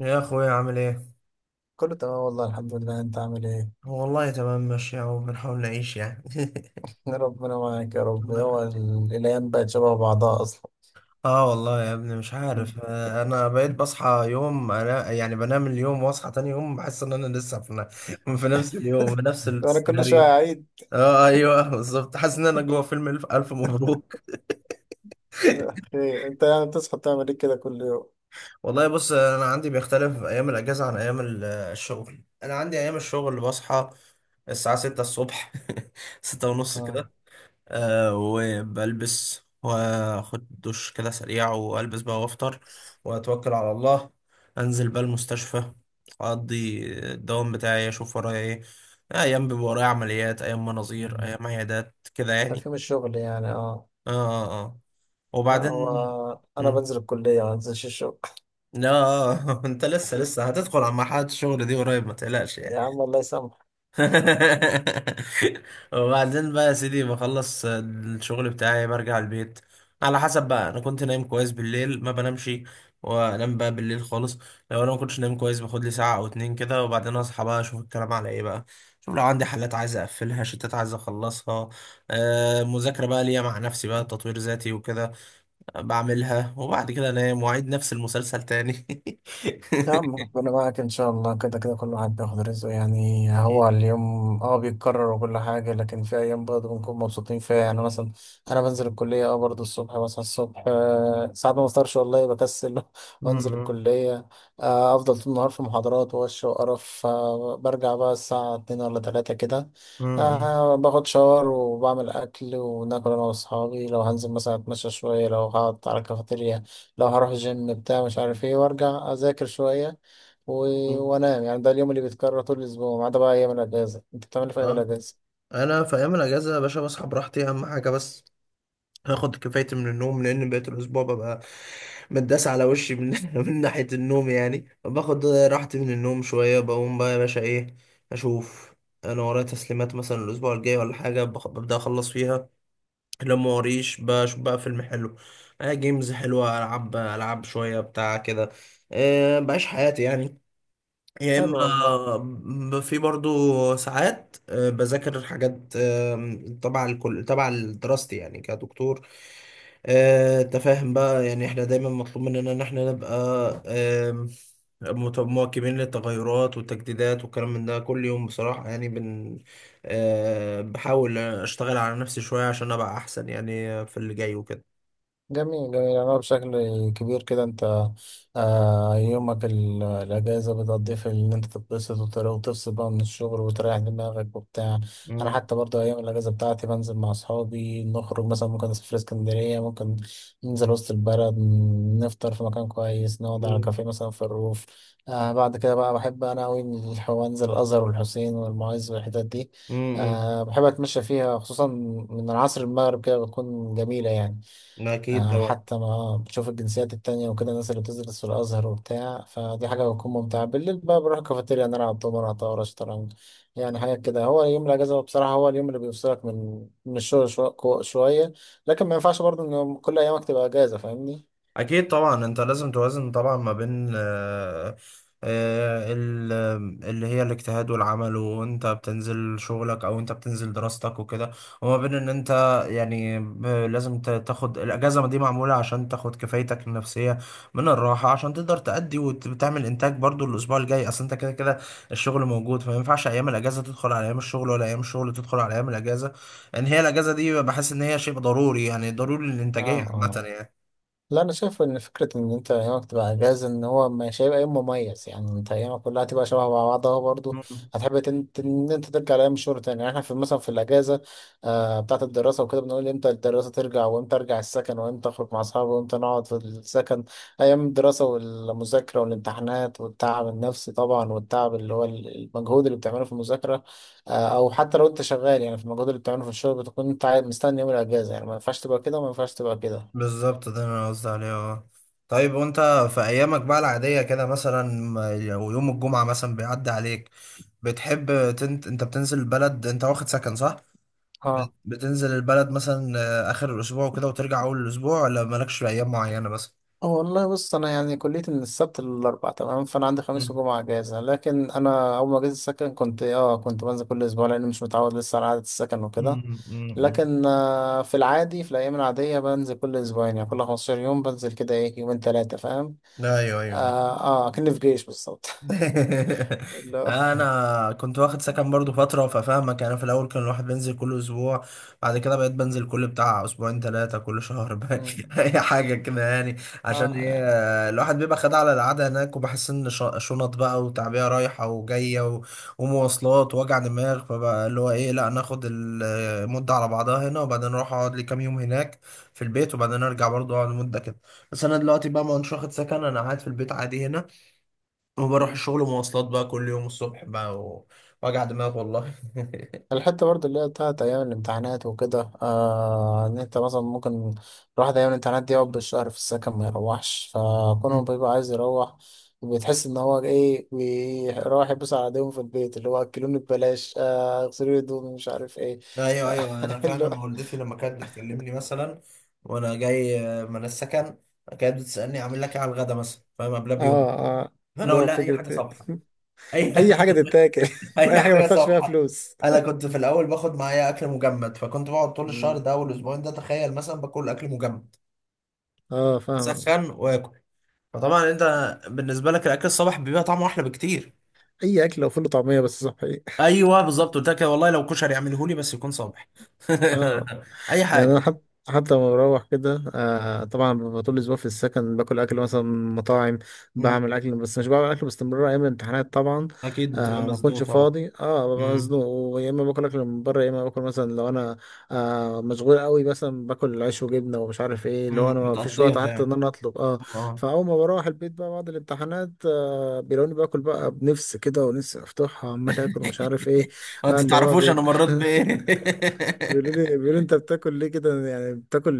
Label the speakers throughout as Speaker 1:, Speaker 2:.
Speaker 1: يا اخويا، عامل ايه؟
Speaker 2: كله تمام والله الحمد لله. انت عامل ايه؟
Speaker 1: والله تمام ماشي اهو، بنحاول نعيش يعني.
Speaker 2: ربنا معاك يا رب.
Speaker 1: الله
Speaker 2: هو
Speaker 1: يخليك.
Speaker 2: الايام بقت شبه بعضها اصلا.
Speaker 1: اه والله يا ابني مش عارف. انا بقيت بصحى يوم، انا يعني بنام اليوم واصحى تاني يوم بحس ان انا لسه في نفس اليوم، في نفس
Speaker 2: انا كل
Speaker 1: السيناريو.
Speaker 2: شويه اعيد.
Speaker 1: ايوه بالظبط، حاسس ان انا جوه فيلم الف الف مبروك.
Speaker 2: خير، انت يعني بتصحى تعمل ايه كده كل يوم؟
Speaker 1: والله بص، انا عندي بيختلف ايام الاجازه عن ايام الشغل. انا عندي ايام الشغل بصحى الساعه 6 الصبح. 6 ونص،
Speaker 2: اه.
Speaker 1: وبلبس واخد دش كده سريع، والبس بقى وافطر واتوكل على الله. انزل بقى المستشفى، اقضي الدوام بتاعي، اشوف ورايا ايه. ايام بيبقى ورايا عمليات، ايام مناظير،
Speaker 2: مم.
Speaker 1: ايام عيادات كده يعني.
Speaker 2: تفهيم الشغل يعني. اه،
Speaker 1: اه. اه.
Speaker 2: لا
Speaker 1: وبعدين
Speaker 2: هو انا
Speaker 1: مم.
Speaker 2: بنزل الكليه ما بنزلش الشغل.
Speaker 1: لا، انت لسه هتدخل على مرحلة الشغل دي قريب، ما تقلقش.
Speaker 2: يا عم الله يسامحك.
Speaker 1: وبعدين بقى يا سيدي، بخلص الشغل بتاعي برجع البيت. على حسب بقى، انا كنت نايم كويس بالليل ما بنامش، وانام بقى بالليل خالص. لو انا ما كنتش نايم كويس، باخد لي ساعه او اتنين كده، وبعدين اصحى بقى اشوف الكلام على ايه بقى. شوف، لو عندي حالات عايز اقفلها، شتات عايز اخلصها، مذاكره بقى ليا مع نفسي بقى، تطوير ذاتي وكده. بعملها، وبعد كده انام واعيد نفس المسلسل تاني.
Speaker 2: نعم، ربنا معك إن شاء الله. كده كده كل واحد بياخد رزقه. يعني
Speaker 1: أكيد.
Speaker 2: هو اليوم اه بيتكرر وكل حاجة، لكن في أيام برضه بنكون مبسوطين فيها. يعني مثلا أنا بنزل الكلية اه برضه الصبح، بصحى الصبح، ساعات ما بفطرش والله، بكسل
Speaker 1: م-.
Speaker 2: وأنزل
Speaker 1: م-.
Speaker 2: الكلية. أفضل طول النهار في محاضرات ووش وقرف. برجع بقى الساعة اتنين ولا تلاتة كده.
Speaker 1: م-.
Speaker 2: باخد شاور وبعمل أكل وناكل أنا وأصحابي. لو هنزل مثلا أتمشى شوية، لو هقعد على الكافيتيريا، لو هروح الجيم بتاع مش عارف ايه، وارجع اذاكر شوية و...
Speaker 1: م-. م.
Speaker 2: وانام. يعني ده اليوم اللي بيتكرر طول الاسبوع ما عدا بقى ايام الاجازة. انت بتعمل إيه في ايام
Speaker 1: اه.
Speaker 2: الاجازة؟
Speaker 1: انا في ايام الاجازه يا باشا بصحى براحتي، اهم حاجه بس هاخد كفايتي من النوم، لان بقيت الاسبوع ببقى متداس على وشي من ناحيه النوم. يعني باخد راحتي من النوم شويه، بقوم بقى يا باشا ايه، اشوف انا ورايا تسليمات مثلا الاسبوع الجاي ولا حاجه، ببدا اخلص فيها. لو ما وريش، بشوف بقى فيلم حلو، جيمز حلوه، العب شويه بتاع كده. أه، بعيش حياتي يعني. يا
Speaker 2: حلو والله.
Speaker 1: اما في برضو ساعات بذاكر حاجات تبع الكل، تبع دراستي يعني كدكتور. انت فاهم بقى، يعني احنا دايما مطلوب مننا ان احنا نبقى آم، مت- مواكبين للتغيرات والتجديدات والكلام من ده كل يوم بصراحة، يعني بن. بحاول اشتغل على نفسي شوية عشان ابقى احسن يعني في اللي جاي وكده.
Speaker 2: جميل جميل. أنا بشكل كبير كده أنت آه يومك الأجازة بتقضيه في إن أنت تتبسط وتفصل بقى من الشغل وتريح دماغك وبتاع. أنا
Speaker 1: مم.
Speaker 2: حتى برضه أيام الأجازة بتاعتي بنزل مع أصحابي نخرج، مثلا ممكن نسافر اسكندرية، ممكن ننزل وسط البلد، نفطر في مكان كويس، نقعد على
Speaker 1: مم.
Speaker 2: كافيه مثلا في الروف. آه بعد كده بقى بحب أنا أوي أنزل الأزهر والحسين والمعز والحتت دي.
Speaker 1: مم.
Speaker 2: آه بحب أتمشى فيها خصوصا من العصر المغرب كده، بتكون جميلة يعني.
Speaker 1: مم. اكيد طبعا.
Speaker 2: حتى ما بتشوف الجنسيات التانية وكده، الناس اللي بتدرس في الأزهر وبتاع، فدي حاجة بتكون ممتعة. بالليل بقى بروح الكافيتيريا نلعب دومنة طاولة شطرنج، يعني حاجات كده. هو يوم الأجازة بصراحة هو اليوم اللي بيفصلك من من الشغل شوية، لكن ما ينفعش برضه إن كل أيامك تبقى أجازة، فاهمني؟
Speaker 1: اكيد طبعا، انت لازم توازن طبعا ما بين آه، ال- اللي هي الاجتهاد والعمل، وانت بتنزل شغلك او انت بتنزل دراستك وكده، وما بين ان انت يعني لازم تاخد الاجازه دي معموله، عشان تاخد كفايتك النفسيه من الراحه، عشان تقدر تأدي وتعمل انتاج برضو الاسبوع الجاي. اصل انت كده كده الشغل موجود، فما ينفعش ايام الاجازه تدخل على ايام الشغل، ولا ايام الشغل تدخل على ايام الاجازه. ان هي الاجازه دي بحس ان هي شيء ضروري يعني، ضروري للانتاجيه
Speaker 2: اه،
Speaker 1: عامه
Speaker 2: لا انا شايف ان فكره ان انت ايامك تبقى اجازه ان هو مش هيبقى يوم مميز. يعني انت ايامك كلها هتبقى شبه بعضها برضه.
Speaker 1: يعني.
Speaker 2: هتحب ان انت ترجع لايام الشغل تاني. يعني احنا في مثلا في الاجازه آه بتاعه الدراسه وكده بنقول امتى الدراسه ترجع، وامتى ارجع السكن، وامتى اخرج مع اصحابي، وامتى نقعد في السكن. ايام الدراسه والمذاكره والامتحانات والتعب النفسي طبعا، والتعب اللي هو المجهود اللي بتعمله في المذاكره. آه او حتى لو انت شغال يعني في المجهود اللي بتعمله في الشغل، بتكون انت مستني يوم الاجازه. يعني ما ينفعش تبقى كده وما ينفعش تبقى كده.
Speaker 1: بالظبط، ده اللي انا قصدي عليه. اه، طيب وانت في ايامك بقى العادية كده، مثلا او يوم الجمعة مثلا بيعدي عليك، بتحب انت بتنزل البلد؟ انت واخد سكن صح؟ بتنزل البلد مثلا اخر الاسبوع وكده وترجع اول الاسبوع، ولا مالكش في ايام معينة مثلا؟
Speaker 2: والله بص انا يعني كليتي من السبت للاربع تمام، فانا عندي خميس
Speaker 1: مم.
Speaker 2: وجمعه اجازه. لكن انا اول ما جيت السكن كنت اه كنت بنزل كل اسبوع، لاني مش متعود لسه على عاده السكن وكده.
Speaker 1: مم. مم. مم.
Speaker 2: لكن في العادي في الايام العاديه بنزل كل اسبوعين، يعني كل 15 يوم بنزل كده ايه يومين ثلاثه، فاهم.
Speaker 1: ايوه ايوه.
Speaker 2: اه اه، كأني في جيش بالظبط. اللي هو
Speaker 1: انا كنت واخد سكن برضو فتره، ففاهمك. انا في الاول كان الواحد بينزل كل اسبوع، بعد كده بقيت بنزل كل بتاع اسبوعين ثلاثه، كل شهر بقى،
Speaker 2: مم.
Speaker 1: اي حاجه كده يعني. عشان
Speaker 2: اه
Speaker 1: ايه؟
Speaker 2: يعني
Speaker 1: الواحد بيبقى خد على القعده هناك، وبحس ان شنط بقى وتعبئه رايحه وجايه، ومواصلات ووجع دماغ، فبقى اللي هو ايه، لا ناخد المده على بعضها هنا، وبعدين اروح اقعد لي كام يوم هناك في البيت، وبعدين ارجع برضو اقعد مده كده. بس انا دلوقتي بقى ما كنتش واخد سكن، انا قاعد في البيت عادي هنا، وبروح الشغل مواصلات بقى كل يوم الصبح بقى، وجع دماغ والله.
Speaker 2: الحتة برضه اللي هي بتاعت أيام الامتحانات وكده، آه إن أنت مثلا ممكن الواحد أيام الامتحانات دي يقعد بالشهر في السكن ما يروحش، فكونه
Speaker 1: مم.
Speaker 2: بيبقى عايز يروح، بتحس إن هو إيه بيروح يبص على إيديهم في البيت، اللي هو أكلوني ببلاش، آه اغسلوا لي هدومي، مش عارف إيه.
Speaker 1: ايوه
Speaker 2: آه
Speaker 1: ايوه، انا
Speaker 2: اللي
Speaker 1: فعلا،
Speaker 2: هو
Speaker 1: ما والدتي لما كانت بتكلمني مثلا وانا جاي من السكن، كانت بتسالني اعمل لك ايه على الغدا مثلا، فاهم، قبلها
Speaker 2: آه
Speaker 1: بيوم،
Speaker 2: آه
Speaker 1: فانا
Speaker 2: اللي
Speaker 1: اقول
Speaker 2: هو
Speaker 1: لها اي
Speaker 2: فكرة
Speaker 1: حاجه صبحه. اي.
Speaker 2: أي حاجة تتاكل. أي
Speaker 1: اي
Speaker 2: حاجة ما
Speaker 1: حاجه
Speaker 2: تدفعش فيها
Speaker 1: صبحه.
Speaker 2: فلوس.
Speaker 1: انا كنت في الاول باخد معايا اكل مجمد، فكنت بقعد طول الشهر
Speaker 2: مم.
Speaker 1: ده والاسبوعين ده، تخيل مثلا، باكل اكل مجمد
Speaker 2: آه فاهم.
Speaker 1: سخن واكل. فطبعا انت بالنسبه لك الاكل الصبح بيبقى طعمه احلى بكتير.
Speaker 2: أي أكل لو فول وطعمية بس صحي.
Speaker 1: ايوه بالظبط، قلت لك والله لو كشري يعمله لي بس يكون صبح.
Speaker 2: اه
Speaker 1: اي
Speaker 2: يعني انا
Speaker 1: حاجه.
Speaker 2: حتى حتى لما بروح كده آه، طبعا ببقى طول الاسبوع في السكن باكل اكل مثلا من مطاعم،
Speaker 1: مم.
Speaker 2: بعمل اكل بس مش بعمل اكل باستمرار. ايام الامتحانات طبعا
Speaker 1: اكيد بتبقى
Speaker 2: آه ما
Speaker 1: مزنوق
Speaker 2: اكونش
Speaker 1: طبعا.
Speaker 2: فاضي، اه ببقى
Speaker 1: مم.
Speaker 2: مزنوق، ويا اما باكل اكل من بره، يا اما باكل مثلا لو انا آه مشغول قوي مثلا باكل عيش وجبنه ومش عارف ايه، اللي هو
Speaker 1: مم.
Speaker 2: انا ما فيش وقت
Speaker 1: بتقضيها
Speaker 2: حتى ان
Speaker 1: يعني.
Speaker 2: انا اطلب اه.
Speaker 1: اه.
Speaker 2: فاول ما بروح البيت بقى بعد الامتحانات آه بيلاقوني باكل بقى بنفس كده، ونفسي افتحها عمال اكل ومش عارف ايه. آه
Speaker 1: انت
Speaker 2: اللي هو
Speaker 1: تعرفوش انا
Speaker 2: بي...
Speaker 1: مريت بايه.
Speaker 2: بيقولوا لي انت بتاكل ليه كده؟ يعني بتاكل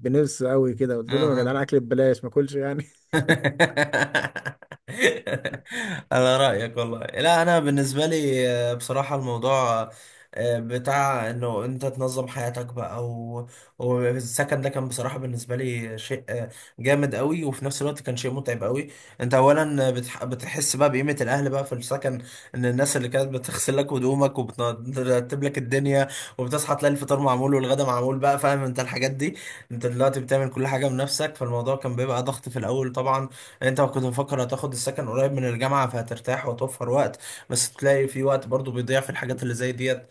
Speaker 2: بنفس قوي كده. قلت
Speaker 1: آه،
Speaker 2: لهم يا
Speaker 1: آه.
Speaker 2: جدعان اكل ببلاش ما اكلش يعني.
Speaker 1: على رأيك والله. لا أنا بالنسبة لي بصراحة، الموضوع بتاع إنه أنت تنظم حياتك بقى و... والسكن ده كان بصراحة بالنسبة لي شيء جامد قوي، وفي نفس الوقت كان شيء متعب قوي. أنت أولا بتحس بقى بقيمة الأهل بقى في السكن، إن الناس اللي كانت بتغسل لك هدومك وبترتب لك الدنيا وبتصحى تلاقي الفطار معمول والغدا معمول بقى، فاهم أنت الحاجات دي. أنت دلوقتي بتعمل كل حاجة بنفسك، فالموضوع كان بيبقى ضغط في الأول طبعا. يعني انت كنت مفكر هتاخد السكن قريب من الجامعة فهترتاح وتوفر وقت، بس تلاقي في وقت برضو بيضيع في الحاجات اللي زي ديت،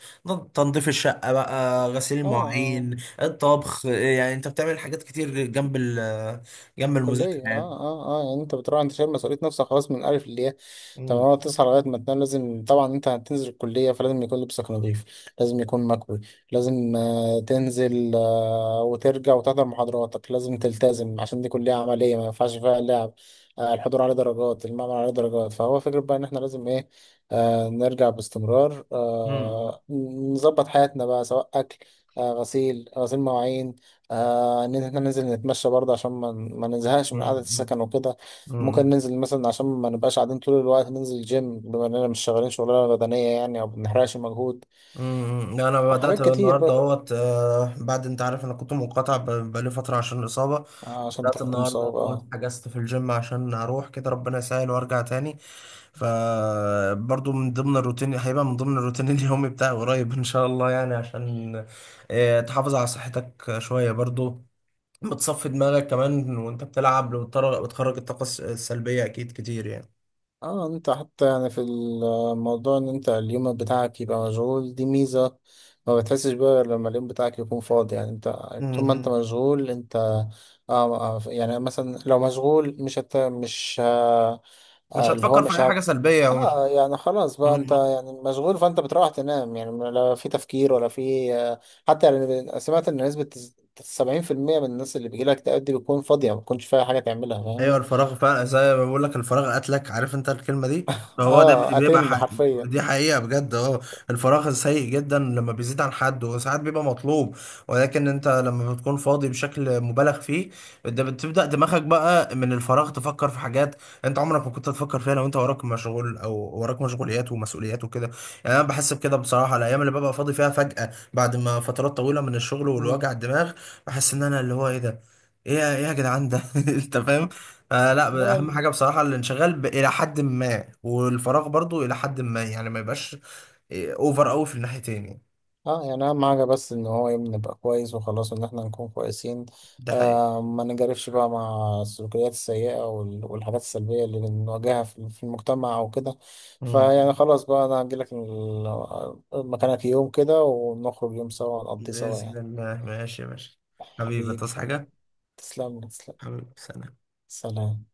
Speaker 1: تنظيف الشقة بقى، غسيل
Speaker 2: اه اه
Speaker 1: المواعين، الطبخ، يعني انت بتعمل حاجات كتير جنب ال، جنب المذاكرة
Speaker 2: كلية،
Speaker 1: يعني.
Speaker 2: اه اه اه. يعني انت بتروح انت شايل مسؤولية نفسك خلاص من الألف للياء. طب
Speaker 1: مم.
Speaker 2: هو تصحى لغاية ما تنام لازم طبعا، انت هتنزل الكلية فلازم يكون لبسك نظيف، لازم يكون مكوي، لازم آه تنزل آه وترجع وتحضر محاضراتك، لازم تلتزم عشان دي كلية عملية ما ينفعش فيها لعب. آه الحضور عليه درجات، المعمل عليه درجات، فهو فكرة بقى ان احنا لازم ايه، آه نرجع باستمرار،
Speaker 1: مم.
Speaker 2: آه نظبط حياتنا بقى، سواء أكل آه غسيل مواعين، آه ان احنا ننزل نتمشى برضه عشان ما نزهقش من
Speaker 1: مم.
Speaker 2: قعدة
Speaker 1: مم.
Speaker 2: السكن وكده. ممكن
Speaker 1: مم.
Speaker 2: ننزل مثلا عشان ما نبقاش قاعدين طول الوقت، ننزل جيم بما اننا مش شغالين شغلانة بدنية يعني او بنحرقش مجهود،
Speaker 1: امم، لا انا بدات
Speaker 2: حاجات كتير
Speaker 1: النهارده
Speaker 2: بقى.
Speaker 1: اهوت، بعد، انت عارف انا كنت منقطع بقالي فتره عشان الاصابه.
Speaker 2: آه عشان انت
Speaker 1: بدات
Speaker 2: كنت
Speaker 1: النهارده
Speaker 2: مصاب،
Speaker 1: اهوت،
Speaker 2: اه.
Speaker 1: حجزت في الجيم عشان اروح كده، ربنا يسهل وارجع تاني. فبرضو من ضمن الروتين هيبقى من ضمن الروتين اليومي بتاعي قريب ان شاء الله، يعني عشان تحافظ على صحتك شويه برضو، بتصفي دماغك كمان وانت بتلعب، بتخرج الطاقه السلبيه، اكيد كتير يعني.
Speaker 2: اه انت حتى يعني في الموضوع ان انت اليوم بتاعك يبقى مشغول دي ميزة. ما بتحسش بقى غير لما اليوم بتاعك يكون فاضي. يعني انت طول ما انت
Speaker 1: امم.
Speaker 2: مشغول انت يعني مثلا لو مشغول مش آه
Speaker 1: مش
Speaker 2: آه، اللي هو
Speaker 1: هتفكر في
Speaker 2: مش
Speaker 1: اي حاجه
Speaker 2: هب...
Speaker 1: سلبيه، ومش.
Speaker 2: اه يعني خلاص بقى انت يعني مشغول، فانت بتروح تنام، يعني لا في تفكير ولا في حتى يعني سمعت ان نسبة 70% من الناس اللي بيجيلها اكتئاب دي بتكون فاضية، ما بتكونش فيها حاجة تعملها،
Speaker 1: ايوه،
Speaker 2: فاهمني؟
Speaker 1: الفراغ فعلا، زي ما بقول لك، الفراغ قتلك، عارف انت الكلمه دي. فهو ده
Speaker 2: اه
Speaker 1: بيبقى
Speaker 2: قاتلني
Speaker 1: حق...
Speaker 2: حرفيا.
Speaker 1: دي حقيقه بجد. اه، الفراغ سيء جدا لما بيزيد عن حد، وساعات بيبقى مطلوب، ولكن انت لما بتكون فاضي بشكل مبالغ فيه، ده بتبدا دماغك بقى من الفراغ تفكر في حاجات انت عمرك ما كنت تفكر فيها، لو انت وراك مشغول او وراك مشغوليات ومسؤوليات وكده. يعني انا بحس بكده بصراحه، الايام اللي ببقى فاضي فيها فجاه بعد ما فترات طويله من الشغل
Speaker 2: مم.
Speaker 1: والوجع الدماغ، بحس ان انا، اللي هو ايه ده، ايه ايه يا جدعان ده. انت فاهم. آه،
Speaker 2: اللي
Speaker 1: لا،
Speaker 2: هو
Speaker 1: اهم حاجه بصراحه الانشغال الى حد ما، والفراغ برضو الى حد ما، يعني ما يبقاش اوفر قوي في الناحيتين يعني.
Speaker 2: اه يعني اهم حاجة بس ان هو يبني يبقى نبقى كويس وخلاص، ان احنا نكون كويسين.
Speaker 1: ده حقيقي.
Speaker 2: آه ما نجرفش بقى مع السلوكيات السيئة والحاجات السلبية اللي بنواجهها في في المجتمع او كده. فيعني
Speaker 1: مم.
Speaker 2: خلاص بقى انا هجيلك مكانك يوم كده ونخرج يوم سوا نقضي سوا
Speaker 1: باذن
Speaker 2: يعني.
Speaker 1: الله، ماشي ماشي. حبيبي،
Speaker 2: حبيبي
Speaker 1: تصحى
Speaker 2: حبيبي.
Speaker 1: حاجه.
Speaker 2: تسلم لي، تسلم.
Speaker 1: حبيبي، سلام.
Speaker 2: سلام.